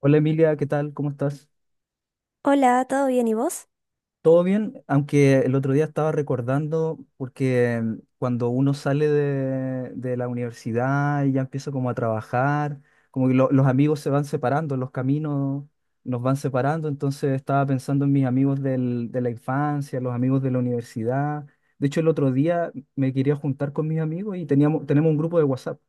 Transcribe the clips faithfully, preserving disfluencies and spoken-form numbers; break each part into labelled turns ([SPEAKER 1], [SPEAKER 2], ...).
[SPEAKER 1] Hola Emilia, ¿qué tal? ¿Cómo estás?
[SPEAKER 2] Hola, ¿todo bien y vos?
[SPEAKER 1] ¿Todo bien? Aunque el otro día estaba recordando, porque mm, cuando uno sale de, de la universidad y ya empieza como a trabajar, como que lo- los amigos se van separando, los caminos nos van separando. Entonces estaba pensando en mis amigos del- de la infancia, los amigos de la universidad. De hecho, el otro día me quería juntar con mis amigos y teníamos, tenemos un grupo de WhatsApp.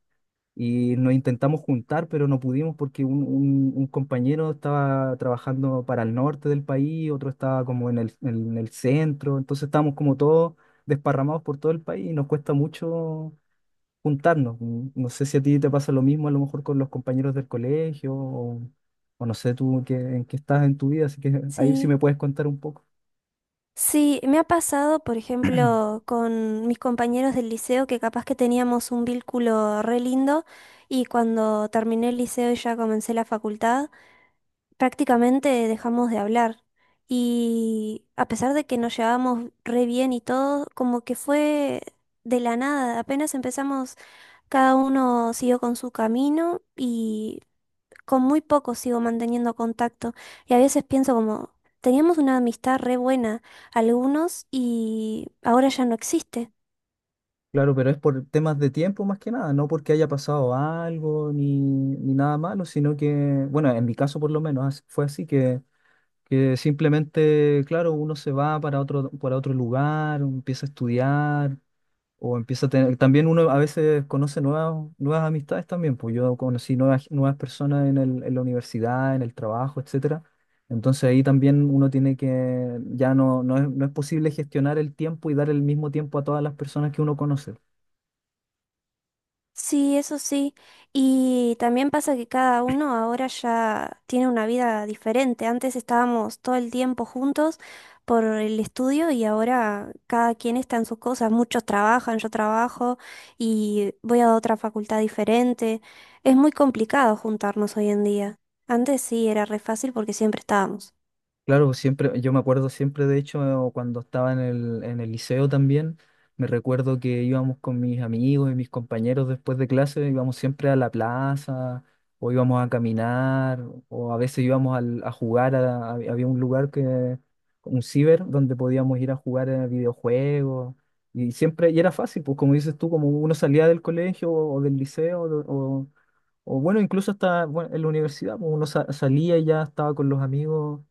[SPEAKER 1] Y nos intentamos juntar, pero no pudimos porque un, un- un compañero estaba trabajando para el norte del país, otro estaba como en el, en el centro. Entonces estábamos como todos desparramados por todo el país y nos cuesta mucho juntarnos. Mm, No sé si a ti te pasa lo mismo, a lo mejor con los compañeros del colegio, o, o no sé tú en qué, en qué estás en tu vida, así que ahí sí
[SPEAKER 2] Sí.
[SPEAKER 1] me puedes contar un poco.
[SPEAKER 2] Sí, me ha pasado, por ejemplo, con mis compañeros del liceo que capaz que teníamos un vínculo re lindo y cuando terminé el liceo y ya comencé la facultad, prácticamente dejamos de hablar. Y a pesar de que nos llevábamos re bien y todo, como que fue de la nada, apenas empezamos, cada uno siguió con su camino y con muy pocos sigo manteniendo contacto y a veces pienso como, teníamos una amistad re buena, algunos, y ahora ya no existe.
[SPEAKER 1] Claro, pero es por temas de tiempo más que nada, no porque haya pasado algo ni, ni nada malo, sino que, bueno, en mi caso por lo menos as- fue así que, que simplemente, claro, uno se va para otro, para otro lugar, empieza a estudiar o empieza a tener, también uno a veces conoce nuevas, nuevas amistades también, pues yo conocí nuevas, nuevas personas en el- en la universidad, en el trabajo, etcétera. Entonces ahí también uno tiene que, ya no, no es, no es posible gestionar el tiempo y dar el mismo tiempo a todas las personas que uno conoce.
[SPEAKER 2] Sí, eso sí. Y también pasa que cada uno ahora ya tiene una vida diferente. Antes estábamos todo el tiempo juntos por el estudio y ahora cada quien está en sus cosas. Muchos trabajan, yo trabajo y voy a otra facultad diferente. Es muy complicado juntarnos hoy en día. Antes sí era re fácil porque siempre estábamos.
[SPEAKER 1] Claro, siempre, yo me acuerdo siempre, de hecho, cuando estaba en el, en el liceo también, me recuerdo que íbamos con mis amigos y mis compañeros después de clase, íbamos siempre a la plaza, o íbamos a caminar, o a veces íbamos al- a jugar, a- a- había un lugar que, un ciber, donde podíamos ir a jugar eh, videojuegos, y siempre, y era fácil, pues como dices tú, como uno salía del colegio o del liceo, o, o- o bueno, incluso hasta, bueno, en la universidad, pues, uno sa- salía y ya estaba con los amigos.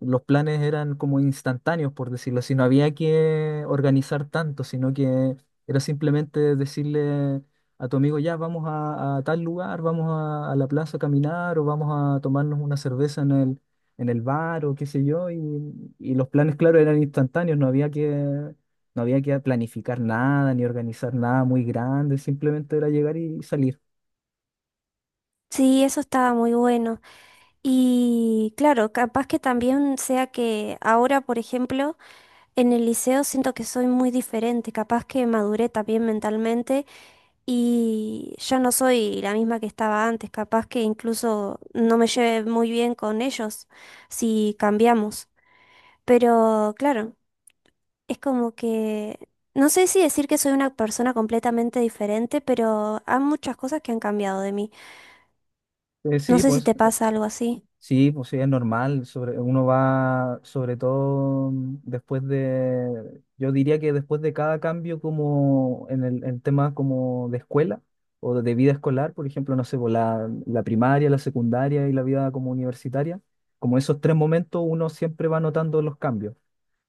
[SPEAKER 1] Los planes eran como instantáneos, por decirlo así, no había que organizar tanto, sino que era simplemente decirle a tu amigo, ya, vamos a, a tal lugar, vamos a, a la plaza a caminar, o vamos a tomarnos una cerveza en el, en el bar o qué sé yo, y, y los planes, claro, eran instantáneos, no había que, no había que planificar nada ni organizar nada muy grande, simplemente era llegar y salir.
[SPEAKER 2] Sí, eso estaba muy bueno. Y claro, capaz que también sea que ahora, por ejemplo, en el liceo siento que soy muy diferente, capaz que maduré también mentalmente y ya no soy la misma que estaba antes, capaz que incluso no me lleve muy bien con ellos si cambiamos. Pero claro, es como que no sé si decir que soy una persona completamente diferente, pero hay muchas cosas que han cambiado de mí.
[SPEAKER 1] Eh,
[SPEAKER 2] No
[SPEAKER 1] sí,
[SPEAKER 2] sé si
[SPEAKER 1] pues
[SPEAKER 2] te pasa algo así.
[SPEAKER 1] sí, pues sí, es normal. Sobre, uno va, sobre todo mm, después de, yo diría que después de cada cambio como en el, en tema como de escuela o de vida escolar, por ejemplo, no sé, pues, la, la primaria, la secundaria y la vida como universitaria, como esos tres momentos uno siempre va notando los cambios.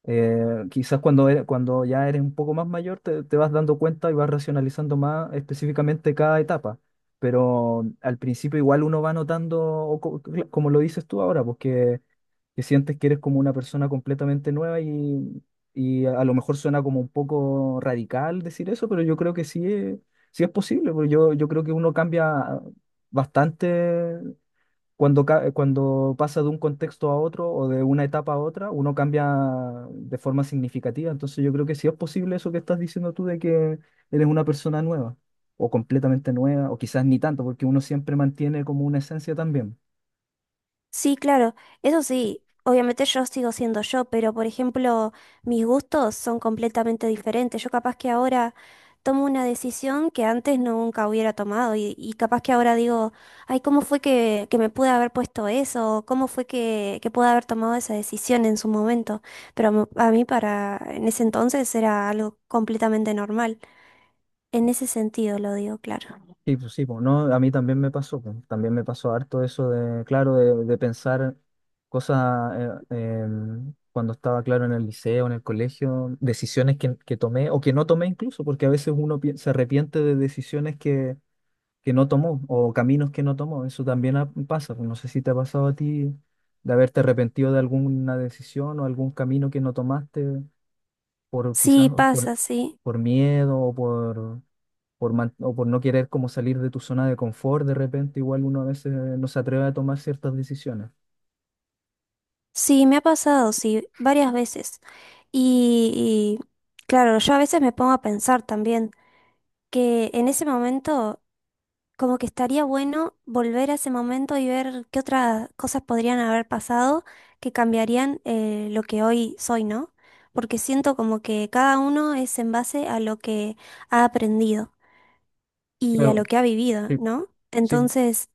[SPEAKER 1] Eh, quizás cuando, eres- cuando ya eres un poco más mayor te, te vas dando cuenta y vas racionalizando más específicamente cada etapa. Pero al principio igual uno va notando, o co- cl- como lo dices tú ahora, pues que, que sientes que eres como una persona completamente nueva y, y a, a lo mejor suena como un poco radical decir eso, pero yo creo que sí es, sí es posible, porque yo, yo creo que uno cambia bastante cuando, ca- cuando pasa de un contexto a otro o de una etapa a otra, uno cambia de forma significativa. Entonces yo creo que sí es posible eso que estás diciendo tú, de que eres una persona nueva o completamente nueva o quizás ni tanto, porque uno siempre mantiene como una esencia también.
[SPEAKER 2] Sí, claro, eso sí, obviamente yo sigo siendo yo, pero por ejemplo, mis gustos son completamente diferentes. Yo capaz que ahora tomo una decisión que antes nunca hubiera tomado y, y capaz que ahora digo, ay, ¿cómo fue que, que me pude haber puesto eso? ¿Cómo fue que, que pude haber tomado esa decisión en su momento? Pero a mí para, en ese entonces era algo completamente normal. En ese sentido lo digo, claro.
[SPEAKER 1] Sí, pues sí, pues no, a mí también me pasó, pues, también me pasó harto eso de, claro, de, de pensar cosas eh, em, cuando estaba, claro, en el liceo, en el colegio, decisiones que, que tomé o que no tomé incluso, porque a veces uno pi- se arrepiente de decisiones que que no tomó o caminos que no tomó. Eso también ha- pasa, pues. No sé si te ha pasado a ti de haberte arrepentido de alguna decisión o algún camino que no tomaste por quizás
[SPEAKER 2] Sí,
[SPEAKER 1] por,
[SPEAKER 2] pasa, sí.
[SPEAKER 1] por miedo o por, por, man- o por no querer como salir de tu zona de confort. De repente igual uno a veces no se atreve a tomar ciertas decisiones.
[SPEAKER 2] Sí, me ha pasado, sí, varias veces. Y, y, claro, yo a veces me pongo a pensar también que en ese momento como que estaría bueno volver a ese momento y ver qué otras cosas podrían haber pasado que cambiarían eh, lo que hoy soy, ¿no? Porque siento como que cada uno es en base a lo que ha aprendido y a lo
[SPEAKER 1] Claro,
[SPEAKER 2] que ha vivido,
[SPEAKER 1] sí,
[SPEAKER 2] ¿no?
[SPEAKER 1] sí.
[SPEAKER 2] Entonces,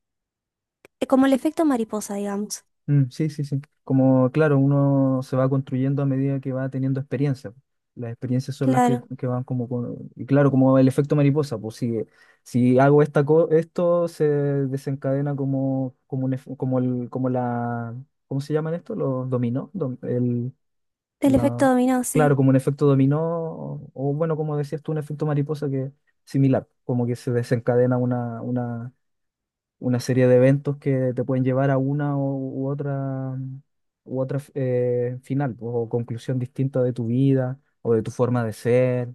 [SPEAKER 2] eh, como el efecto mariposa, digamos.
[SPEAKER 1] Mm, sí, sí, sí. Como, claro, uno se va construyendo a medida que va teniendo experiencia. Las experiencias son las que,
[SPEAKER 2] Claro,
[SPEAKER 1] que van como con- y claro, como el efecto mariposa, pues si, si hago esta co- esto, se desencadena como, como, un, ef- como, el, como la... ¿Cómo se llaman esto? Los dominó. dom- el,
[SPEAKER 2] el efecto
[SPEAKER 1] la,
[SPEAKER 2] dominó,
[SPEAKER 1] claro,
[SPEAKER 2] sí.
[SPEAKER 1] como un efecto dominó, o, o bueno, como decías tú, un efecto mariposa que similar, como que se desencadena una serie de eventos que te pueden llevar a una u, u otra, u otra eh, final pues, o conclusión distinta de tu vida o de tu forma de ser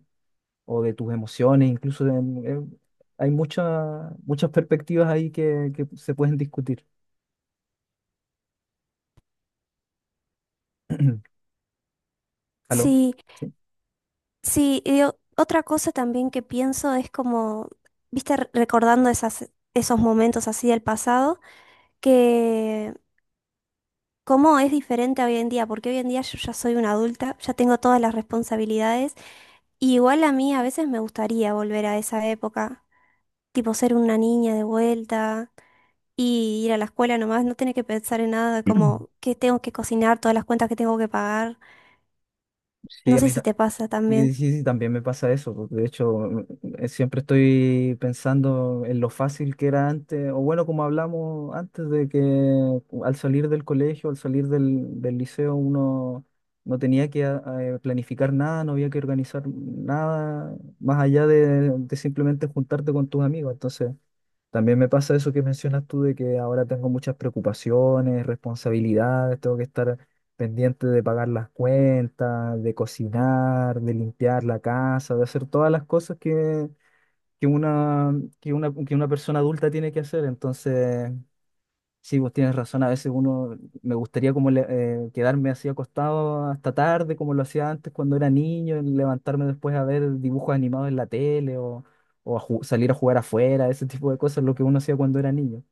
[SPEAKER 1] o de tus emociones. Incluso en- en- hay muchas muchas perspectivas ahí que, que se pueden discutir. ¿Aló?
[SPEAKER 2] Sí,
[SPEAKER 1] Sí,
[SPEAKER 2] sí. y o- otra cosa también que pienso es como, viste, re- recordando esas, esos momentos así del pasado, que ¿cómo es diferente hoy en día? Porque hoy en día yo ya soy una adulta, ya tengo todas las responsabilidades y igual a mí a veces me gustaría volver a esa época, tipo ser una niña de vuelta y ir a la escuela nomás, no tener que pensar en nada como que tengo que cocinar, todas las cuentas que tengo que pagar.
[SPEAKER 1] sí,
[SPEAKER 2] No
[SPEAKER 1] a
[SPEAKER 2] sé
[SPEAKER 1] mí
[SPEAKER 2] si te pasa también.
[SPEAKER 1] sí, sí, sí, también me pasa eso porque de hecho, eh, siempre estoy pensando en lo fácil que era antes, o bueno, como hablamos antes de que al salir del colegio, al salir del, del liceo, uno no tenía que ah, eh, planificar nada, no había que organizar nada más allá de, de simplemente juntarte con tus amigos. Entonces, también me pasa eso que mencionas tú de que ahora tengo muchas preocupaciones, responsabilidades, tengo que estar pendiente de pagar las cuentas, de cocinar, de limpiar la casa, de hacer todas las cosas que, que una, que una, que una persona adulta tiene que hacer. Entonces, sí, vos tienes razón, a veces uno me gustaría como le- eh, quedarme así acostado hasta tarde, como lo hacía antes cuando era niño, y levantarme después a ver dibujos animados en la tele, o, o a ju- salir a jugar afuera, ese tipo de cosas, lo que uno hacía cuando era niño.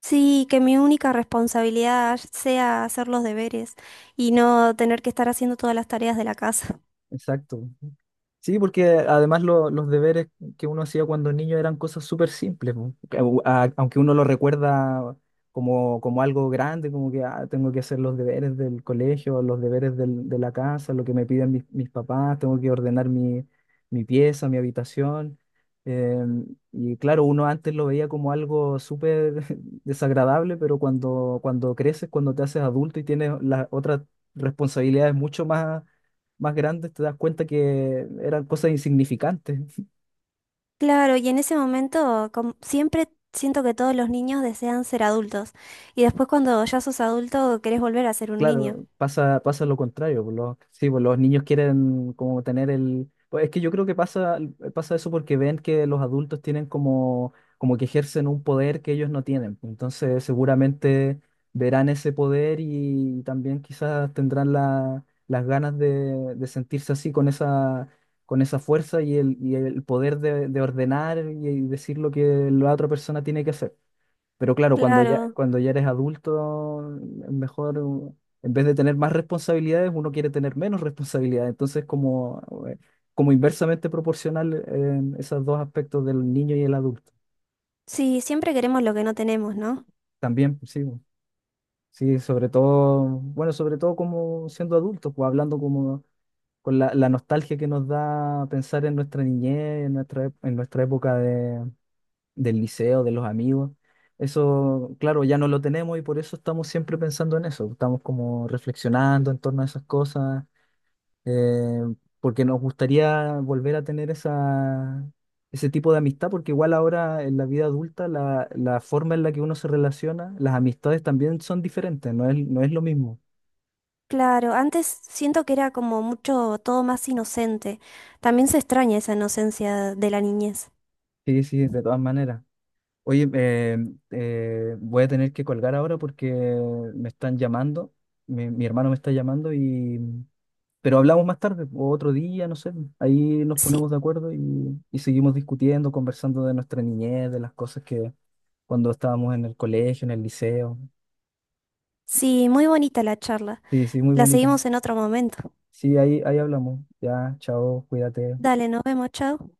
[SPEAKER 2] Sí, que mi única responsabilidad sea hacer los deberes y no tener que estar haciendo todas las tareas de la casa.
[SPEAKER 1] Exacto. Sí, porque además lo- los deberes que uno hacía cuando niño eran cosas súper simples, po. Au- a- aunque uno lo recuerda como, como algo grande, como que "Ah, tengo que hacer los deberes del colegio, los deberes del- de la casa, lo que me piden mis, mis papás, tengo que ordenar mi, mi pieza, mi habitación". Eh, y claro, uno antes lo veía como algo súper desagradable, pero cuando, cuando creces, cuando te haces adulto y tienes las otras responsabilidades mucho más más grandes, te das cuenta que eran cosas insignificantes.
[SPEAKER 2] Claro, y en ese momento com- siempre siento que todos los niños desean ser adultos y después cuando ya sos adulto querés volver a ser un niño.
[SPEAKER 1] Claro, pasa, pasa lo contrario, pues. Los, sí, pues los niños quieren como tener el... Pues es que yo creo que pasa, pasa eso porque ven que los adultos tienen como, como que ejercen un poder que ellos no tienen, pues. Entonces seguramente verán ese poder y también quizás tendrán la- las ganas de, de sentirse así con esa, con esa fuerza y el, y el poder de, de ordenar y decir lo que la otra persona tiene que hacer. Pero claro, cuando ya,
[SPEAKER 2] Claro,
[SPEAKER 1] cuando ya eres adulto, es mejor, uh, en vez de tener más responsabilidades, uno quiere tener menos responsabilidades. Entonces, como, eh, como inversamente proporcional, eh, esos dos aspectos del niño y el adulto.
[SPEAKER 2] sí, siempre queremos lo que no tenemos, ¿no?
[SPEAKER 1] También, pues, sí, bo, sí, sobre todo, bueno, sobre todo como siendo adultos, pues hablando como con la, la nostalgia que nos da pensar en nuestra niñez, en nuestra, ep- en nuestra época de del liceo, de los amigos. Eso, claro, ya no lo tenemos y por eso estamos siempre pensando en eso. Estamos como reflexionando en torno a esas cosas, eh, porque nos gustaría volver a tener esa, ese tipo de amistad, porque igual ahora en la vida adulta la, la forma en la que uno se relaciona, las amistades también son diferentes, no es, no es lo mismo.
[SPEAKER 2] Claro, antes siento que era como mucho todo más inocente. También se extraña esa inocencia de la niñez.
[SPEAKER 1] Sí, sí, de todas maneras. Oye, eh, eh, voy a tener que colgar ahora porque me están llamando, mi mi hermano me está llamando y... Pero hablamos más tarde, o otro día, no sé. Ahí nos
[SPEAKER 2] Sí,
[SPEAKER 1] ponemos de acuerdo y, y seguimos discutiendo, conversando de nuestra niñez, de las cosas que cuando estábamos en el colegio, en el liceo.
[SPEAKER 2] sí, muy bonita la charla.
[SPEAKER 1] Sí, sí, muy
[SPEAKER 2] La
[SPEAKER 1] bonita.
[SPEAKER 2] seguimos en otro momento.
[SPEAKER 1] Sí, ahí, ahí hablamos. Ya, chao, cuídate.
[SPEAKER 2] Dale, nos vemos, chao.